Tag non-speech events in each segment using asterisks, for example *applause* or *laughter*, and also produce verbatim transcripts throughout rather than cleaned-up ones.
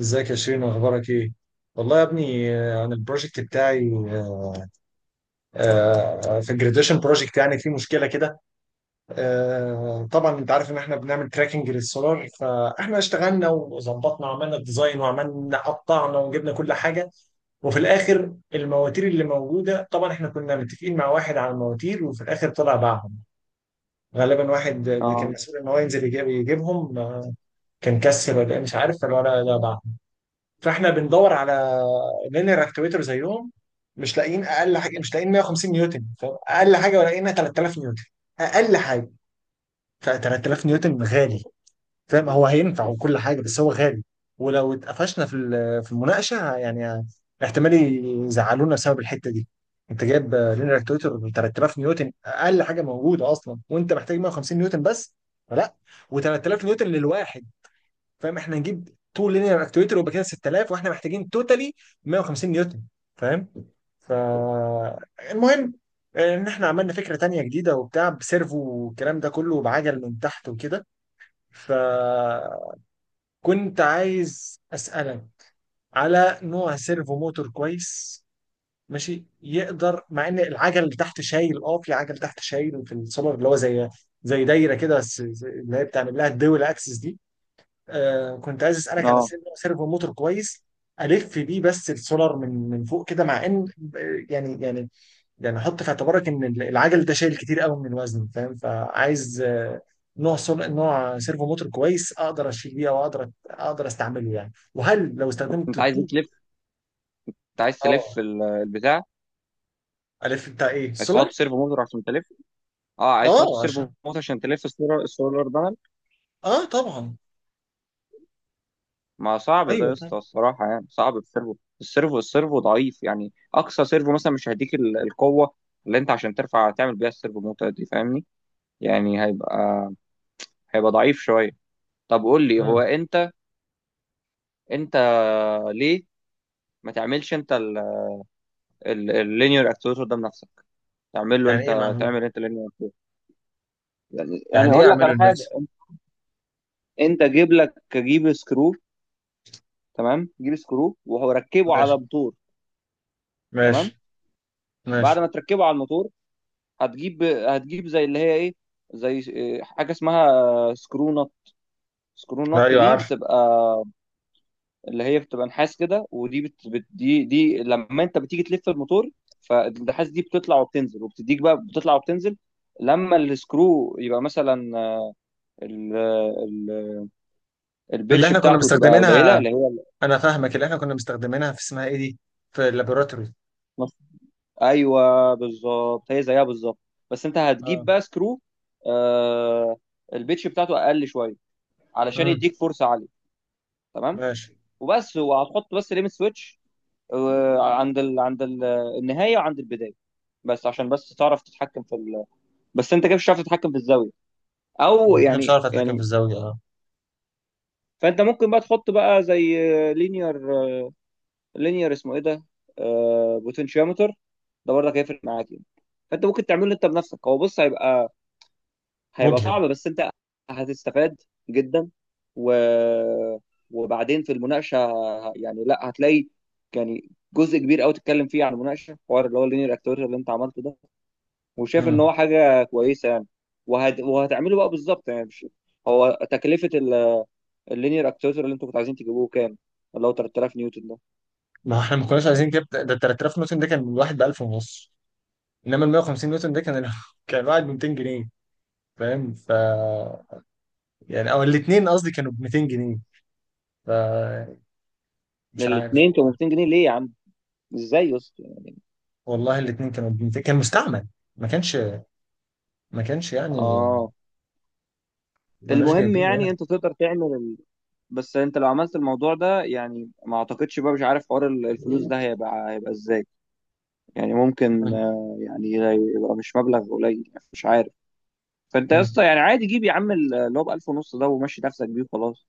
ازيك يا شيرين، اخبارك ايه؟ والله يا ابني، آه، انا البروجكت بتاعي. آه، آه، في الجراديشن بروجكت يعني في مشكله كده. آه، طبعا انت عارف ان احنا بنعمل تراكنج للسولار، فاحنا اشتغلنا وظبطنا وعملنا الديزاين وعملنا قطعنا وجبنا كل حاجه. وفي الاخر المواتير اللي موجوده، طبعا احنا كنا متفقين مع واحد على المواتير وفي الاخر طلع باعهم. غالبا واحد اللي كان اه، مسؤول ان هو ينزل يجيب يجيبهم آه، كان كسل ولا إيه مش عارف، فالولد ده باعهم. فاحنا بندور على لينير اكتويتر زيهم، مش لاقيين اقل حاجه، مش لاقيين مية وخمسين نيوتن، فاهم؟ اقل حاجه لاقينا تلات تلاف نيوتن اقل حاجه. ف ثلاثة آلاف نيوتن غالي، فاهم؟ هو هينفع وكل حاجه بس هو غالي. ولو اتقفشنا في ال- في المناقشه يعني، احتمال يزعلونا بسبب الحته دي. انت جايب لينير اكتويتر ثلاثة آلاف نيوتن اقل حاجه موجوده اصلا، وانت محتاج مية وخمسين نيوتن بس. فلا، و3000 نيوتن للواحد، فاهم؟ احنا هنجيب اتنين لينير اكتويتر ويبقى كده ستة آلاف، واحنا محتاجين توتالي مية وخمسين نيوتن، فاهم؟ ف المهم ان احنا عملنا فكره تانية جديده وبتاع بسيرفو والكلام ده كله بعجل من تحت وكده. فكنت عايز اسالك على نوع سيرفو موتور كويس ماشي، يقدر مع ان العجل اللي تحت شايل. اه، في عجل تحت شايل في السولار اللي هو زي زي دايره كده، بس زي- اللي هي بتعمل لها الدول اكسس دي. آه كنت عايز اسالك على اه، سير- سيرفو موتور كويس الف بيه بس السولار، من من فوق كده، مع ان آه، يعني يعني يعني حط في اعتبارك ان العجل ده شايل كتير قوي من الوزن، فاهم؟ فعايز، آه، نوع سول... نوع سيرفو موتور كويس اقدر اشيل بيه، او اقدر اقدر استعمله يعني، وهل لو استخدمت انت عايز إيه الطوب. تلف؟ انت عايز تلف اه. ال- البتاع؟ الف بتاع ايه، عايز تحط السولار؟ سيرفو موتور عشان تلف. اه، عايز تحط اه سيرفو عشان. موتور عشان تلف السولار السولار بانل. اه طبعا. ما صعب ده يا ايوه طبعا. اسطى الصراحه، يعني صعب السيرفو. السيرفو السيرفو ضعيف، يعني اقصى سيرفو مثلا مش هيديك ال- القوه اللي انت عشان ترفع تعمل بيها السيرفو موتور دي، فاهمني؟ يعني هيبقى هيبقى ضعيف شويه. طب قول لي، هو مم. انت، انت ليه ما تعملش انت اللينير اكتويتر ده بنفسك؟ تعمل له يعني ايه انت، معمول؟ تعمل انت لينير اكتويتر. يعني يعني يعني ايه اقول لك اعمله على حاجه، لنفسي؟ انت جيب لك، جيب سكرو، تمام؟ جيب سكرو وركبه ماشي. على موتور، تمام. ماشي. بعد ماشي. ما تركبه على الموتور، هتجيب هتجيب زي اللي هي ايه، زي إيه، حاجه اسمها سكرو نوت. سكرو نوت ايوه دي عارف. بتبقى اللي هي بتبقى نحاس كده، ودي بت... بت... دي دي لما انت بتيجي تلف الموتور، فالنحاس دي بتطلع وبتنزل، وبتديك بقى بتطلع وبتنزل لما السكرو يبقى مثلا ال... ال... اللي البيتش احنا كنا بتاعته تبقى قليله، مستخدمينها، اللي هي انا فاهمك، اللي احنا كنا مستخدمينها في اسمها ايه دي، في اللابوراتوري. ايوه، بالظبط، هي زيها بالظبط. بس انت هتجيب اه. بقى سكرو، آه، البيتش بتاعته اقل شويه، علشان امم. يديك فرصه عاليه، تمام؟ ماشي. وبس، وهتحط بس ليميت سويتش، آه، عند ال... عند ال... النهايه وعند البدايه، بس عشان بس تعرف تتحكم في ال... بس انت كده مش هتعرف تتحكم في الزاويه، او انا مش يعني عارف اتحكم في يعني الزاويه، اه. فانت ممكن بقى تحط بقى زي لينير، لينير اسمه ايه ده، آه، بوتنشيومتر. ده برضك هيفرق معاك يعني. فانت ممكن تعمله انت بنفسك. هو بص، هيبقى هيبقى مجهد. صعب، بس انت هتستفاد جدا. و... وبعدين في المناقشه، يعني لا، هتلاقي يعني جزء كبير قوي تتكلم فيه عن المناقشه، حوار اللي هو اللينير اكتويتر اللي انت عملته ده، وشايف ان امم. هو حاجه كويسه يعني. وهت... وهتعمله بقى بالظبط يعني. مش هو، تكلفه اللينير اكتويتر اللي انتوا كنتوا عايزين تجيبوه كام؟ اللي هو تلت تلاف نيوتن ده؟ ما احنا ما كناش عايزين كده، ده ال تلات تلاف نيوتن ده كان الواحد ب الف ونص. انما ال مية وخمسين نيوتن ده كان ال- *laughs* كان واحد ب ميتين جنيه، فاهم؟ ف يعني او الاثنين قصدي كانوا ب ميتين جنيه. ف مش عارف الاثنين كانوا والله. مئتين جنيه ليه يا عم؟ ازاي يا اسطى؟ والله الاثنين كانوا ب ميتين، كان مستعمل. ما كانش ما كانش يعني، اه. ما كناش المهم جايبينه هنا. يعني انت تقدر تعمل، بس انت لو عملت الموضوع ده يعني ما اعتقدش بقى، مش عارف حوار ال- الفلوس ده هيبقى هيبقى ازاي. يعني ممكن آه، يعني يبقى مش مبلغ قليل يعني، مش عارف. فانت يا مم. اسطى يعني عادي، جيب يا عم ال- اللي هو ب ألف ونص ده، ومشي نفسك بيه وخلاص.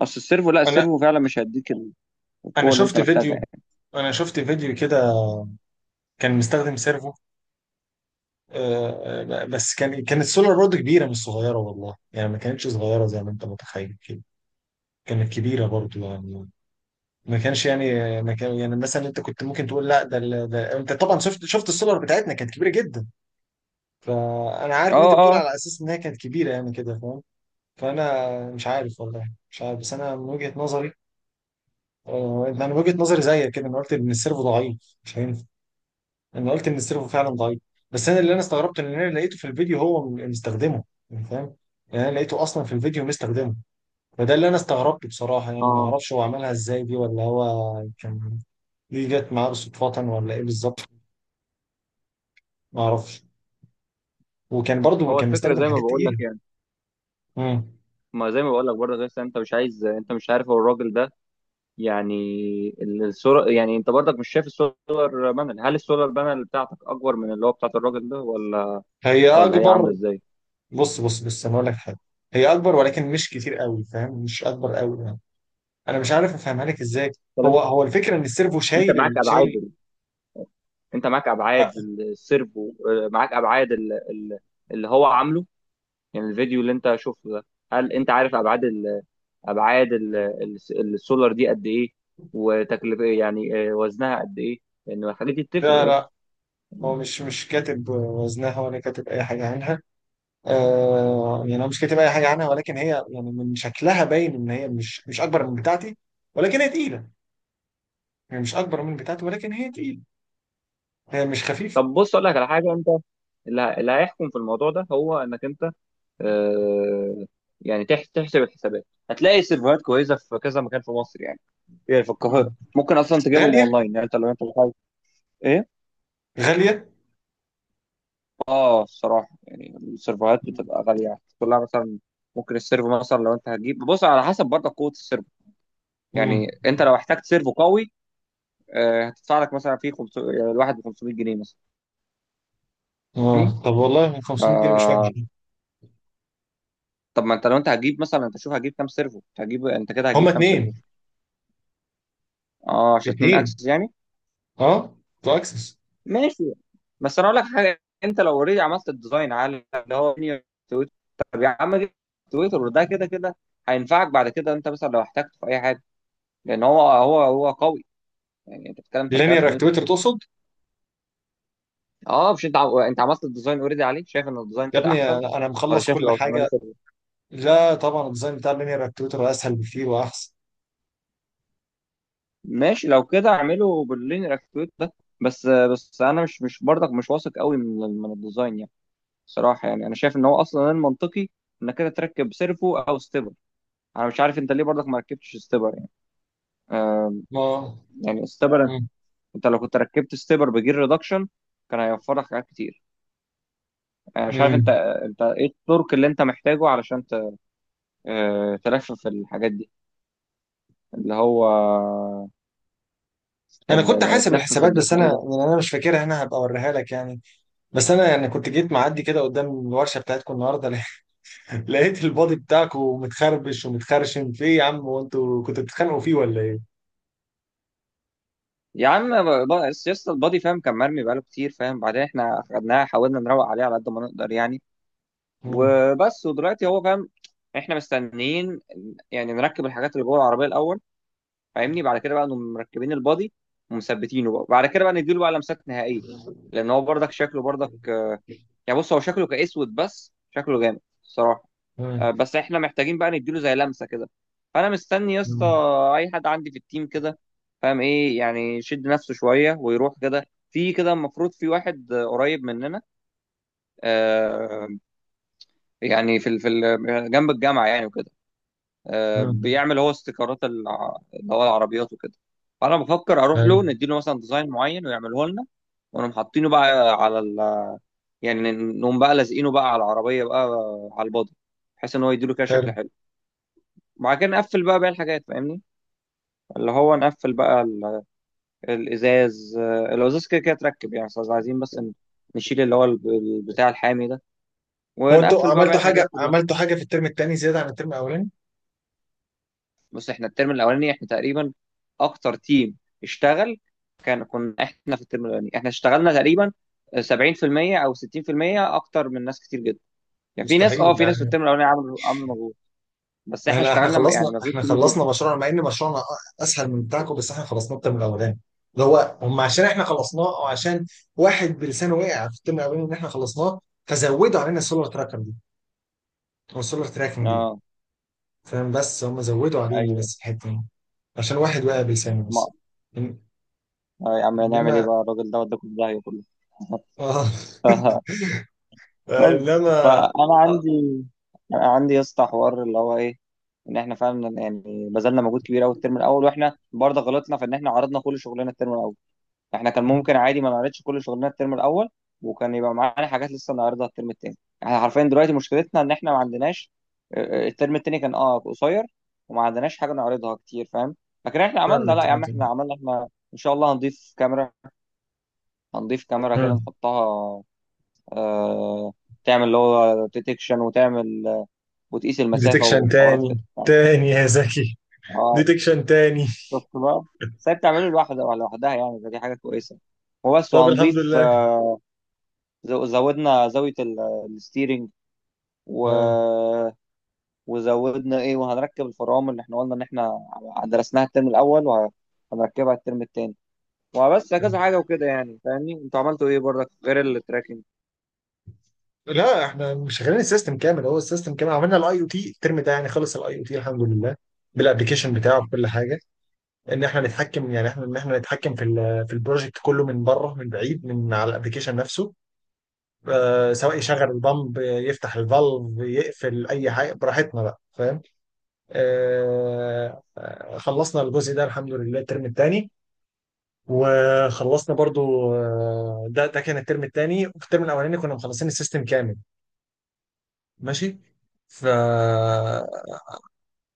اصل السيرفو، لا، انا السيرفو فعلا مش هيديك ال- انا القوه اللي انت شفت محتاجها فيديو، يعني. انا شفت فيديو كده كان مستخدم سيرفو. آه، آه، بس كان كانت سولار برضه كبيره مش صغيره، والله يعني ما كانتش صغيره زي ما انت متخيل كده. كانت كبيره برضه يعني، ما كانش يعني، ما كان يعني مثلا انت كنت ممكن تقول لا ده، ال- ده انت طبعا شفت، شفت السولار بتاعتنا كانت كبيره جدا. فانا عارف اه، ان انت بتقول اه، على اساس ان هي كانت كبيره يعني كده، فاهم؟ فانا مش عارف والله، مش عارف، بس انا من وجهه نظري، آه، انا من وجهه نظري زيك كده، انا قلت ان السيرفو ضعيف مش هينفع. انا قلت ان السيرفو فعلا ضعيف، بس انا اللي انا استغربته ان انا لقيته في الفيديو هو م- مستخدمه، يعني فاهم؟ يعني انا لقيته اصلا في الفيديو مستخدمه. فده اللي انا استغربته بصراحه، يعني ما اه. اعرفش هو عملها ازاي دي، ولا هو كان دي جت معاه صدفه ولا ايه بالظبط، ما اعرفش. وكان برضه هو كان الفكره مستخدم زي ما حاجات بقول تقيله. لك يعني، امم. ما زي ما بقول لك برضه، لسه انت مش عايز، انت مش عارف هو الراجل ده يعني. الصوره، يعني انت برضك مش شايف، السولار بانل، هل السولار بانل بتاعتك اكبر من اللي هو بتاعت الراجل ده، ولا هي ولا هي عامله اكبر. ازاي؟ بص بص بص انا اقول لك حاجه، هي اكبر ولكن مش كتير قوي، فاهم؟ مش اكبر قوي يعني، انا مش عارف افهمها لك ازاي. طب هو انت، هو الفكره ان السيرفو انت شايل، معاك ال- ابعاد شايل. ال- انت معاك ابعاد ال- السيرفو، آه، معاك ابعاد ال- ال- اللي هو عامله، يعني الفيديو اللي انت شفته ده، هل انت عارف ابعاد ال... ابعاد ال... ال- السولار دي قد ايه؟ وتكلفه ايه؟ يعني، آه، وزنها قد ايه؟ لان الحاجات دي بتفرق لا يا اسطى. لا، هو مش مش كاتب وزنها ولا كاتب اي حاجه عنها. آه يعني هو مش كاتب اي حاجه عنها، ولكن هي يعني من شكلها باين ان هي مش مش اكبر من بتاعتي، ولكن هي تقيله. يعني مش اكبر من بتاعتي ولكن هي تقيله، هي مش خفيفه. طب بص، اقول لك على حاجه، انت اللي ه- اللي هيحكم في الموضوع ده هو انك انت، آه، يعني تح- تحسب الحسابات، هتلاقي سيرفرات كويسه في كذا مكان في مصر يعني. يعني في القاهره مم. ممكن اصلا تجيبهم غاليه. اونلاين يعني، انت لو انت، ايه؟ غاليه. اه، الصراحه يعني السيرفرات بتبقى غاليه كلها مثلا. ممكن السيرفو مثلا، لو انت هتجيب، بص على حسب برضه قوه السيرفو، يعني مم. انت لو احتجت سيرفو قوي، آه، هتدفع لك مثلا فيه خمسمية، يعني الواحد ب خمسمية جنيه مثلا، فاهمني؟ اه، طب والله ف، خمسميت جنيه مش وحش. طب ما انت لو انت هتجيب مثلا، انت شوف هتجيب كام سيرفو، انت هتجيب انت كده هتجيب هما كام سيرفو. اتنين. اه، عشان اتنين اتنين، اكسس يعني. اه، تو اكسس. ماشي. بس انا اقول لك حاجه، انت لو اوريدي عملت الديزاين على اللي هو تويتر، طب يا عم جيب تويتر، وده كده كده هينفعك بعد كده، انت مثلا لو احتجته في اي حاجه، لان هو هو هو قوي، يعني انت بتتكلم ثلاث آلاف لينير نيوتن. اكتويتر تقصد؟ اه مش انت ع- انت عملت الديزاين اوريدي عليه، شايف ان الديزاين يا كده ابني احسن، انا ولا مخلص شايف كل لو تعمله حاجه. سيرفر؟ لا طبعا الديزاين بتاع اللينير اكتويتر اسهل بكتير واحسن. ماشي، لو كده اعمله باللينير اكتويت ده. بس بس انا مش مش برضك مش واثق قوي من ال- من الديزاين يعني، صراحه. يعني انا شايف ان هو اصلا المنطقي انك كده تركب سيرفو او ستيبر. انا مش عارف انت ليه برضك ما ركبتش ستيبر يعني، آه. ما. يعني ستيبر، انت لو كنت ركبت ستيبر بجير ريدكشن، كان هيوفر لك حاجات كتير. انا مش عارف انت، مم. انت ايه التورك اللي انت محتاجه علشان آه، تلفف الحاجات دي، اللي هو انا كنت اللي يعني حاسب تلفف الحسابات اللي بس اسمه انا ايه ده. يعني انا مش فاكرها، انا هبقى اوريها لك يعني. بس انا يعني كنت جيت معدي كده قدام الورشه بتاعتكم النهارده، لقيت *laughs* لقيت البادي بتاعكم متخربش ومتخرشم في ايه يا عم؟ هو انتوا كنتوا بتتخانقوا فيه ولا ايه؟ يا عم ب- ب- سياسة البادي، فاهم؟ كان مرمي بقاله كتير فاهم، بعدين احنا خدناها، حاولنا نروق عليه على قد ما نقدر يعني. مم. وبس، ودلوقتي هو فاهم، احنا مستنيين يعني نركب الحاجات اللي جوه العربية الأول، فاهمني؟ بعد كده بقى نقوم مركبين البادي ومثبتينه، بقى بعد كده بقى نديله بقى لمسات نهائية. لأن هو برضك شكله برضك، آه، يعني بص هو شكله كأسود، بس شكله جامد الصراحة. آه، مم. بس احنا محتاجين بقى نديله زي لمسه كده. فانا مستني يا اسطى مم. اي حد عندي في التيم كده، فاهم ايه يعني، يشد نفسه شويه ويروح كده. في كده المفروض في واحد، آه، قريب مننا، آه، يعني في ال- في ال- جنب الجامعه يعني وكده، آه، مم. بيعمل هو استيكرات الع- اللي هو العربيات وكده. فانا بفكر اروح حلو. له نديله مثلا ديزاين معين ويعمله لنا، ونقوم حاطينه بقى على ال... يعني نقوم بقى لازقينه بقى على العربيه بقى، آه، على البادي، بحيث ان هو يديله كده حلو. شكل حلو. وبعد كده نقفل بقى باقي الحاجات، فاهمني؟ اللي هو نقفل بقى ال- الازاز، آه، الازاز كده كده اتركب يعني، بس عايزين بس ن- نشيل اللي هو ال- ال- بتاع الحامي ده، هو انتوا ونقفل بقى باقي عملتوا الحاجات حاجه، كلها. عملتوا حاجه في الترم الثاني زياده عن الترم الاولاني؟ بس احنا الترم الاولاني احنا تقريبا اكتر تيم اشتغل. كان كنا احنا في الترم الاولاني احنا اشتغلنا تقريبا سبعين في المئة او ستين في المية اكتر من ناس كتير جدا. يعني في ناس، مستحيل اه، في ناس في يعني. الترم الاولاني عملوا عملوا مجهود، بس احنا احنا احنا اشتغلنا م- خلصنا، يعني مجهود احنا كبير خلصنا جدا. مشروعنا، مع ان مشروعنا اسهل من بتاعكم، بس احنا خلصناه الترم الاولاني. اللي هو، هم عشان احنا خلصناه، او عشان واحد بلسانه وقع في الترم الاولاني ان احنا خلصناه، فزودوا علينا السولار تراكر دي او السولار تراكنج دي، اه، فاهم؟ بس هم زودوا علينا ايوه، بس الحته دي عشان واحد وقع بلسانه ما، بس. إن- آه، يا عم نعمل ايه انما بقى، الراجل ده وداكم في داهيه كله. اه. *laughs* *laughs* بس انما، فانا آه، عندي عندي يا اسطى، حوار اللي هو ايه، ان احنا فعلا يعني بذلنا مجهود كبير قوي الترم الاول، واحنا برضه غلطنا في ان احنا عرضنا كل شغلنا الترم الاول. احنا كان ممكن عادي ما نعرضش كل شغلنا الترم الاول، وكان يبقى معانا حاجات لسه نعرضها الترم التاني. احنا حرفيا دلوقتي مشكلتنا ان احنا ما عندناش، آه، آه، الترم التاني كان اه قصير، وما عندناش حاجه نعرضها كتير، فاهم؟ لكن احنا عملنا، فعلا. لا يا عم احنا عملنا، احنا ان شاء الله هنضيف كاميرا. هنضيف كاميرا كده نحطها، آه، تعمل اللي هو ديتكشن، وتعمل، آه، وتقيس المسافة ديتكشن وحوارات تاني، كده. تاني يا زكي، اه، ديتكشن تاني. شفت بقى؟ سايب تعمله لوحده، لوحدها يعني، فدي حاجة كويسة. وبس، طب الحمد وهنضيف، لله. آه، زو- زودنا زاوية ال- الستيرنج، و... اه وزودنا ايه، وهنركب الفرامل اللي احنا قلنا ان احنا درسناها الترم الاول، وهنركبها الترم التاني. وبس، كذا حاجة وكده يعني، فاهمني؟ انتوا عملتوا ايه برضك غير التراكنج؟ لا، احنا مش شغالين السيستم كامل، هو السيستم كامل. عملنا الاي او تي الترم ده يعني، خلص الاي او تي الحمد لله، بالابلكيشن بتاعه بكل حاجه، ان احنا نتحكم يعني، احنا ان احنا نتحكم في ال في البروجكت كله من بره من بعيد من على الابلكيشن نفسه. آه سواء يشغل البامب يفتح الفالف يقفل اي حاجه براحتنا بقى، فاهم؟ آه آه، خلصنا الجزء ده الحمد لله الترم الثاني. وخلصنا برضو، آه، ده ده كان الترم الثاني. في الترم الاولاني كنا مخلصين السيستم كامل. ماشي. ف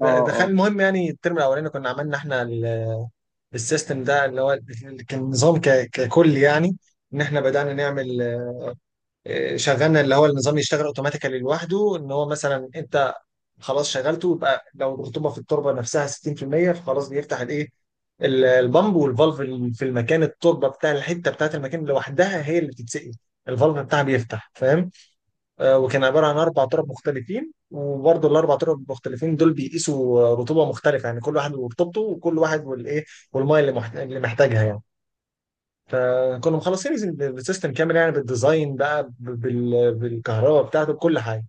اه، د- دخل اه، المهم يعني الترم الاولاني كنا عملنا احنا، ال- السيستم ده اللي هو، ال- كان نظام ك- ككل يعني. ان احنا بدأنا نعمل، آه، شغلنا اللي هو النظام يشتغل اوتوماتيكالي لوحده، ان هو مثلا انت خلاص شغلته، يبقى لو الرطوبه في التربه نفسها ستين في المية فخلاص بيفتح الايه، ال- البامب والفالف، ال- في المكان، التربه بتاع الحته بتاعت المكان لوحدها هي اللي بتتسقي، الفالف بتاعها بيفتح. آه، وكان عبارة عن أربع تراب مختلفين، وبرضه الأربع تراب المختلفين دول بيقيسوا، آه، رطوبة مختلفة، يعني كل واحد ورطوبته وكل واحد والإيه والمية اللي محت- اللي محتاجها يعني. فكنا مخلصين الز- السيستم كامل يعني، بالديزاين بقى، ب- بال- بالكهرباء بتاعته بكل حاجة.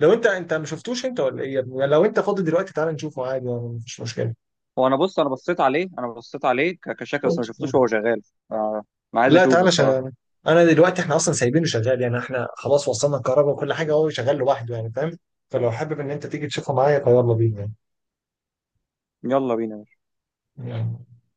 لو أنت، أنت ما شفتوش أنت ولا إيه يا ابني؟ لو أنت فاضي دلوقتي تعالى نشوفه عادي يعني، مفيش مشكلة. هو انا بص، انا بصيت عليه، انا بصيت عليه ك- كشكل، بس ما شفتوش وهو شغال، آه، انا عايز لا اشوفه تعالى الصراحه. شغال، أنا دلوقتي إحنا أصلا سايبينه شغال يعني، إحنا خلاص وصلنا الكهرباء وكل حاجة، هو شغال لوحده يعني، فاهم؟ فلو حابب إن أنت تيجي تشوفه معايا فيلا بينا يلا بينا. يعني.